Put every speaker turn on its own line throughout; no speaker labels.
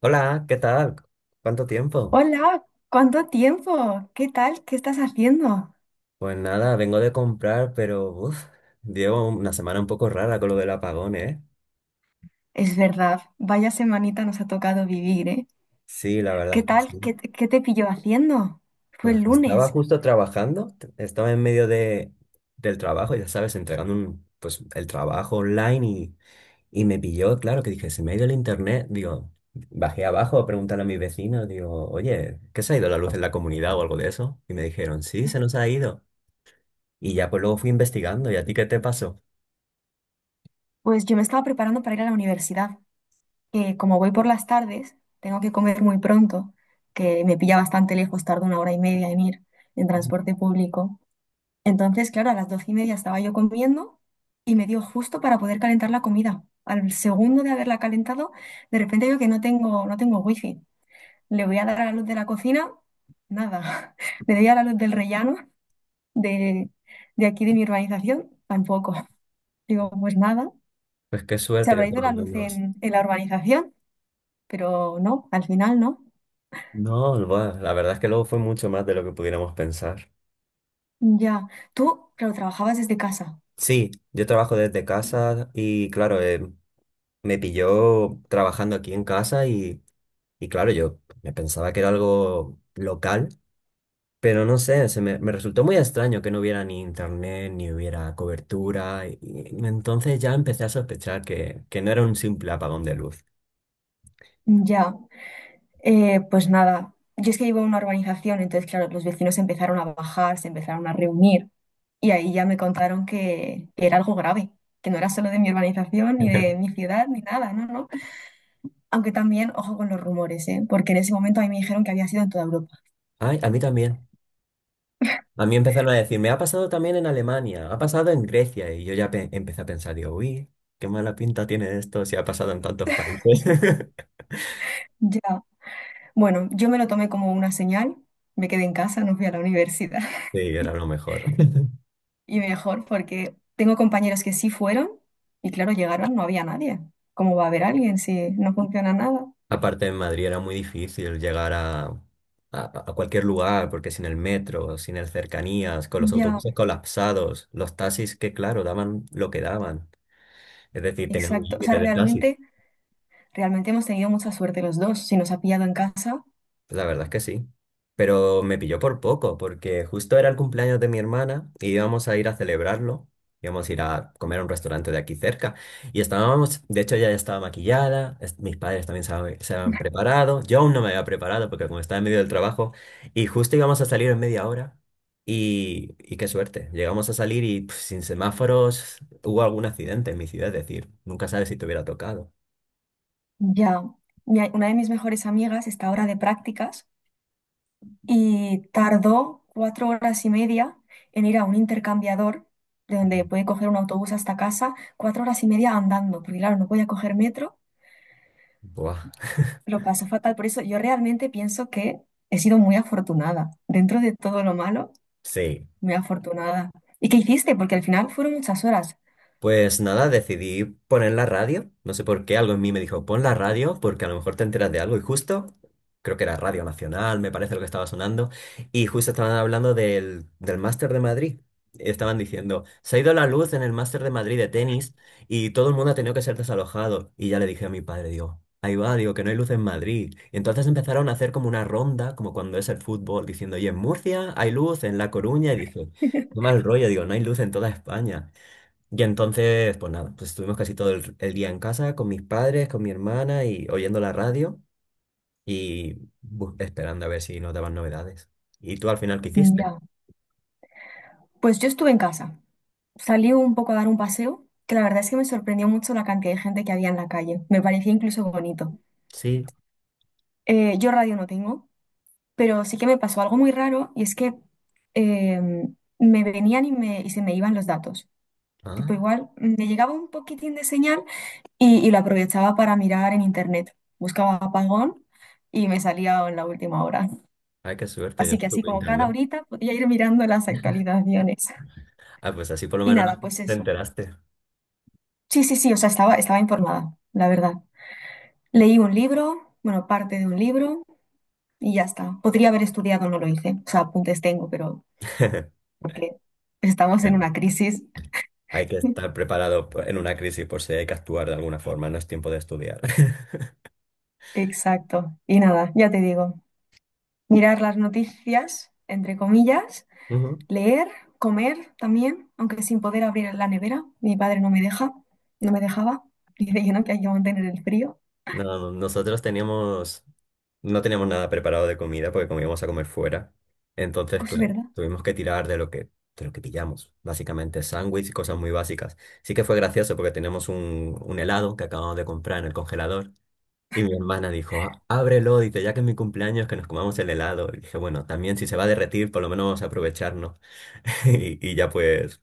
Hola, ¿qué tal? ¿Cuánto tiempo?
Hola, ¿cuánto tiempo? ¿Qué tal? ¿Qué estás haciendo?
Pues nada, vengo de comprar, pero uf, llevo una semana un poco rara con lo del apagón, ¿eh?
Es verdad, vaya semanita nos ha tocado vivir, ¿eh?
Sí, la verdad
¿Qué
es que
tal? ¿Qué,
sí.
te qué te pilló haciendo? Fue
Pues
el
estaba
lunes.
justo trabajando, estaba en medio de, del trabajo, ya sabes, entregando un, pues, el trabajo online y me pilló, claro, que dije, se me ha ido el internet. Digo, bajé abajo a preguntarle a mis vecinos, digo, oye, ¿qué se ha ido la luz en la comunidad o algo de eso? Y me dijeron, sí, se nos ha ido. Y ya pues luego fui investigando, ¿y a ti qué te pasó?
Pues yo me estaba preparando para ir a la universidad, que como voy por las tardes, tengo que comer muy pronto, que me pilla bastante lejos, tardo 1 hora y media en ir en transporte público. Entonces, claro, a las 12:30 estaba yo comiendo y me dio justo para poder calentar la comida. Al segundo de haberla calentado, de repente veo que no tengo wifi. Le voy a dar a la luz de la cocina, nada. Le doy a la luz del rellano de, de aquí de mi urbanización, tampoco. Digo, pues nada,
Pues qué
se
suerte que
habrá
por
ido
lo
la luz
menos.
en la urbanización, pero no, al final no.
No, bueno, la verdad es que luego fue mucho más de lo que pudiéramos pensar.
Ya, tú, claro, trabajabas desde casa.
Sí, yo trabajo desde casa y claro, me pilló trabajando aquí en casa y claro, yo me pensaba que era algo local, pero no sé, me resultó muy extraño que no hubiera ni internet, ni hubiera cobertura. Y entonces ya empecé a sospechar que no era un simple apagón de luz.
Ya. Pues nada. Yo es que vivo en una urbanización, entonces, claro, los vecinos empezaron a bajar, se empezaron a reunir y ahí ya me contaron que era algo grave, que no era solo de mi urbanización, ni de mi ciudad, ni nada, no, no. Aunque también, ojo con los rumores, ¿eh? Porque en ese momento a mí me dijeron que había sido en toda Europa.
Ay, a mí también. A mí empezaron a decir, me ha pasado también en Alemania, ha pasado en Grecia, y yo ya empecé a pensar, digo, uy, qué mala pinta tiene esto si ha pasado en tantos países.
Ya. Bueno, yo me lo tomé como una señal, me quedé en casa, no fui a la universidad.
Sí, era lo mejor.
Y mejor porque tengo compañeros que sí fueron y claro, llegaron, no había nadie. ¿Cómo va a haber alguien si no funciona nada?
Aparte en Madrid era muy difícil llegar a cualquier lugar, porque sin el metro, sin el cercanías, con los
Ya,
autobuses colapsados, los taxis que claro, daban lo que daban, es decir, tenían un
exacto. O sea,
límite de taxis.
realmente, realmente hemos tenido mucha suerte los dos. Si nos ha pillado en casa,
La verdad es que sí. Pero me pilló por poco, porque justo era el cumpleaños de mi hermana y íbamos a ir a celebrarlo. Íbamos a ir a comer a un restaurante de aquí cerca. Y estábamos, de hecho, ella ya estaba maquillada, mis padres también se habían preparado. Yo aún no me había preparado porque como estaba en medio del trabajo, y justo íbamos a salir en media hora. Y qué suerte, llegamos a salir y pf, sin semáforos hubo algún accidente en mi ciudad, es decir, nunca sabes si te hubiera tocado.
ya. Mi- Una de mis mejores amigas está ahora de prácticas y tardó 4 horas y media en ir a un intercambiador, de donde puede coger un autobús hasta casa, 4 horas y media andando, porque claro, no podía coger metro,
Buah.
lo pasó fatal. Por eso yo realmente pienso que he sido muy afortunada. Dentro de todo lo malo,
Sí.
muy afortunada. ¿Y qué hiciste? Porque al final fueron muchas horas.
Pues nada, decidí poner la radio. No sé por qué, algo en mí me dijo, pon la radio porque a lo mejor te enteras de algo. Y justo, creo que era Radio Nacional, me parece lo que estaba sonando. Y justo estaban hablando del Máster de Madrid. Estaban diciendo, se ha ido la luz en el Máster de Madrid de tenis y todo el mundo ha tenido que ser desalojado. Y ya le dije a mi padre, digo, ahí va, digo que no hay luz en Madrid. Y entonces empezaron a hacer como una ronda, como cuando es el fútbol, diciendo, y en Murcia hay luz, en La Coruña. Y dije, qué mal rollo, digo, no hay luz en toda España. Y entonces, pues nada, pues estuvimos casi todo el día en casa con mis padres, con mi hermana y oyendo la radio y esperando a ver si nos daban novedades. ¿Y tú al final qué hiciste?
Ya, pues yo estuve en casa. Salí un poco a dar un paseo, que la verdad es que me sorprendió mucho la cantidad de gente que había en la calle. Me parecía incluso bonito.
Sí.
Yo radio no tengo, pero sí que me pasó algo muy raro y es que eh, me venían y se me iban los datos. Tipo,
Ah,
igual me llegaba un poquitín de señal y lo aprovechaba para mirar en internet. Buscaba apagón y me salía en la última hora.
ay, qué suerte, yo
Así
no
que así
tuve
como cada
internet.
horita podía ir mirando las actualizaciones.
Ah, pues así por lo
Y
menos
nada, pues
te
eso.
enteraste.
Sí, sí, sí, o sea, estaba informada, la verdad. Leí un libro, bueno, parte de un libro y ya está. Podría haber estudiado, no lo hice. O sea, apuntes tengo, pero porque estamos en
Bueno,
una crisis.
hay que estar preparado en una crisis por si hay que actuar de alguna forma, no es tiempo de estudiar.
Exacto. Y nada, ya te digo, mirar las noticias, entre comillas,
Ujú.
leer, comer también, aunque sin poder abrir la nevera. Mi padre no me deja, no me dejaba. Dice que no, que hay que mantener el frío.
No, nosotros teníamos No teníamos nada preparado de comida porque como íbamos a comer fuera. Entonces,
Pues es
claro,
verdad.
tuvimos que tirar de de lo que pillamos. Básicamente sándwich y cosas muy básicas. Sí que fue gracioso porque tenemos un helado que acabamos de comprar en el congelador. Y mi hermana dijo, "Ah, ábrelo, dice, ya que es mi cumpleaños, que nos comamos el helado." Y dije, bueno, también si se va a derretir, por lo menos vamos a aprovecharnos. Y, y ya pues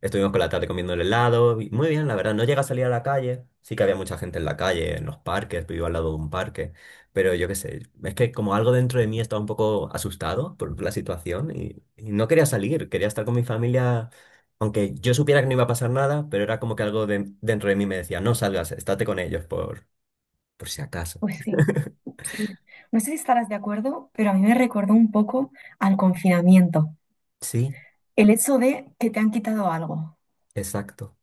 Estuvimos con la tarde comiendo el helado. Y muy bien, la verdad. No llega a salir a la calle. Sí que había mucha gente en la calle, en los parques. Vivo al lado de un parque. Pero yo qué sé. Es que como algo dentro de mí estaba un poco asustado por la situación y no quería salir. Quería estar con mi familia. Aunque yo supiera que no iba a pasar nada, pero era como que dentro de mí me decía, no salgas, estate con ellos por si acaso.
Pues sí, sí. No sé si estarás de acuerdo, pero a mí me recordó un poco al confinamiento.
Sí,
El hecho de que te han quitado algo,
exacto.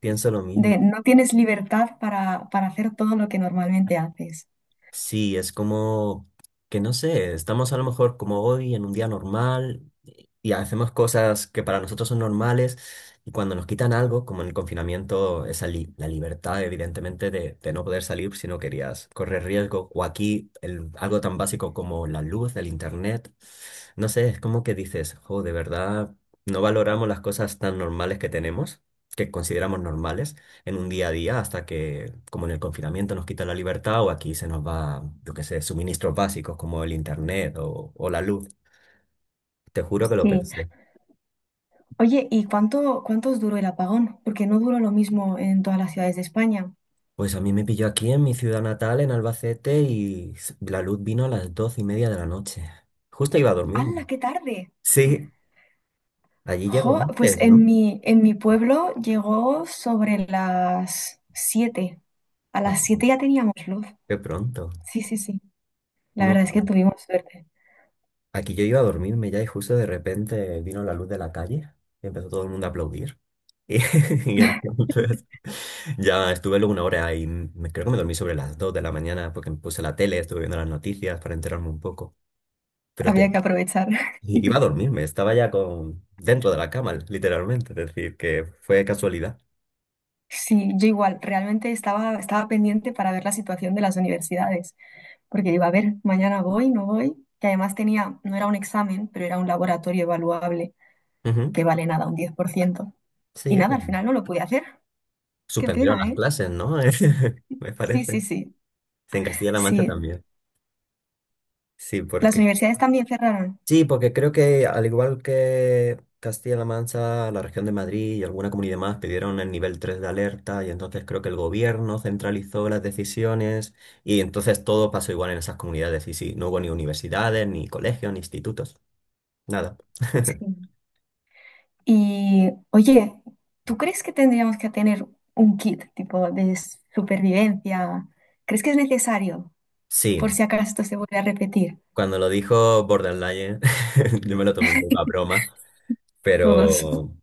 Pienso lo mismo.
de no tienes libertad para hacer todo lo que normalmente haces.
Sí, es como que no sé, estamos a lo mejor como hoy en un día normal y hacemos cosas que para nosotros son normales y cuando nos quitan algo, como en el confinamiento, esa la libertad evidentemente de no poder salir si no querías correr riesgo o aquí algo tan básico como la luz, el internet, no sé, es como que dices, jo, de verdad, no valoramos las cosas tan normales que tenemos, que consideramos normales en un día a día hasta que, como en el confinamiento, nos quita la libertad o aquí se nos va, yo qué sé, suministros básicos como el internet o la luz. Te juro que lo
Sí.
pensé.
Oye, ¿y cuánto, cuánto os duró el apagón? Porque no duró lo mismo en todas las ciudades de España.
Pues a mí me pilló aquí en mi ciudad natal, en Albacete, y la luz vino a las 12:30 de la noche. Justo iba a dormirme.
¡Hala, qué tarde!
Sí, allí llego
Jo, pues
antes,
en
¿no?
en mi pueblo llegó sobre las 7. A las
Ah,
7 ya teníamos luz.
qué pronto.
Sí, sí, sí. La
No.
verdad es que tuvimos suerte.
Aquí yo iba a dormirme ya y justo de repente vino la luz de la calle y empezó todo el mundo a aplaudir. Y, y entonces ya estuve luego una hora y creo que me dormí sobre las 2:00 de la mañana porque me puse la tele, estuve viendo las noticias para enterarme un poco. Pero te-
Había que aprovechar.
iba a dormirme, estaba ya con, dentro de la cama, literalmente. Es decir, que fue casualidad.
Sí, yo igual, realmente estaba pendiente para ver la situación de las universidades, porque digo, a ver, mañana voy, no voy, que además tenía, no era un examen, pero era un laboratorio evaluable,
Ujú.
que vale nada, un 10%. Y
Sí,
nada, al final no lo pude hacer. Qué
suspendieron
pena,
las
¿eh?
clases, ¿no? Me
Sí, sí,
parece.
sí.
Sí, en Castilla-La Mancha
Sí.
también. Sí,
Las
porque
universidades también cerraron.
Sí, porque creo que al igual que Castilla-La Mancha, la región de Madrid y alguna comunidad más pidieron el nivel 3 de alerta y entonces creo que el gobierno centralizó las decisiones y entonces todo pasó igual en esas comunidades y sí, no hubo ni universidades, ni colegios, ni institutos, nada.
Sí. Y, oye, ¿tú crees que tendríamos que tener un kit tipo de supervivencia? ¿Crees que es necesario
Sí,
por si acaso esto se vuelve a repetir?
cuando lo dijo Borderline, yo me lo tomé un poco a broma,
Todos.
pero,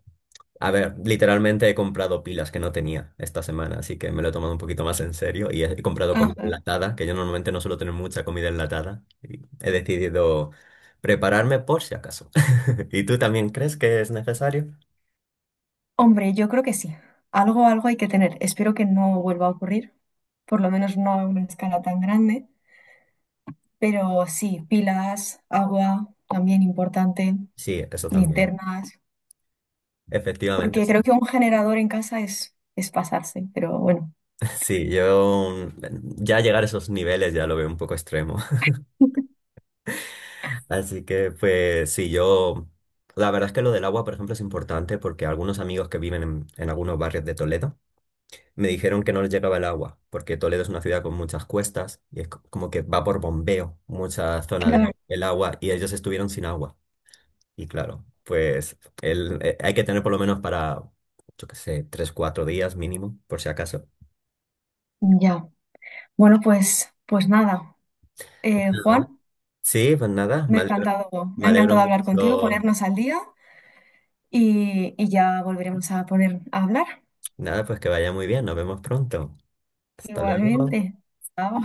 a ver, literalmente he comprado pilas que no tenía esta semana, así que me lo he tomado un poquito más en serio y he comprado comida
Ajá.
enlatada, que yo normalmente no suelo tener mucha comida enlatada. Y he decidido prepararme por si acaso. ¿Y tú también crees que es necesario?
Hombre, yo creo que sí. Algo, algo hay que tener. Espero que no vuelva a ocurrir, por lo menos no a una escala tan grande, pero sí, pilas, agua, también importante,
Sí, eso también.
linternas,
Efectivamente,
porque
sí.
creo que un generador en casa es pasarse, pero bueno,
Sí, yo ya llegar a esos niveles ya lo veo un poco extremo. Así que, pues sí, yo... La verdad es que lo del agua, por ejemplo, es importante porque algunos amigos que viven en algunos barrios de Toledo, me dijeron que no les llegaba el agua, porque Toledo es una ciudad con muchas cuestas y es como que va por bombeo mucha zona
claro,
del agua y ellos estuvieron sin agua. Y claro, pues hay que tener por lo menos para, yo qué sé, 3, 4 días mínimo, por si acaso.
ya. Bueno, pues nada.
¿Verdad?
Juan,
Sí, pues nada,
me
me
ha
alegro
encantado hablar contigo,
mucho.
ponernos al día y ya volveremos a poner a hablar.
Nada, pues que vaya muy bien, nos vemos pronto. Hasta luego.
Igualmente. Chao.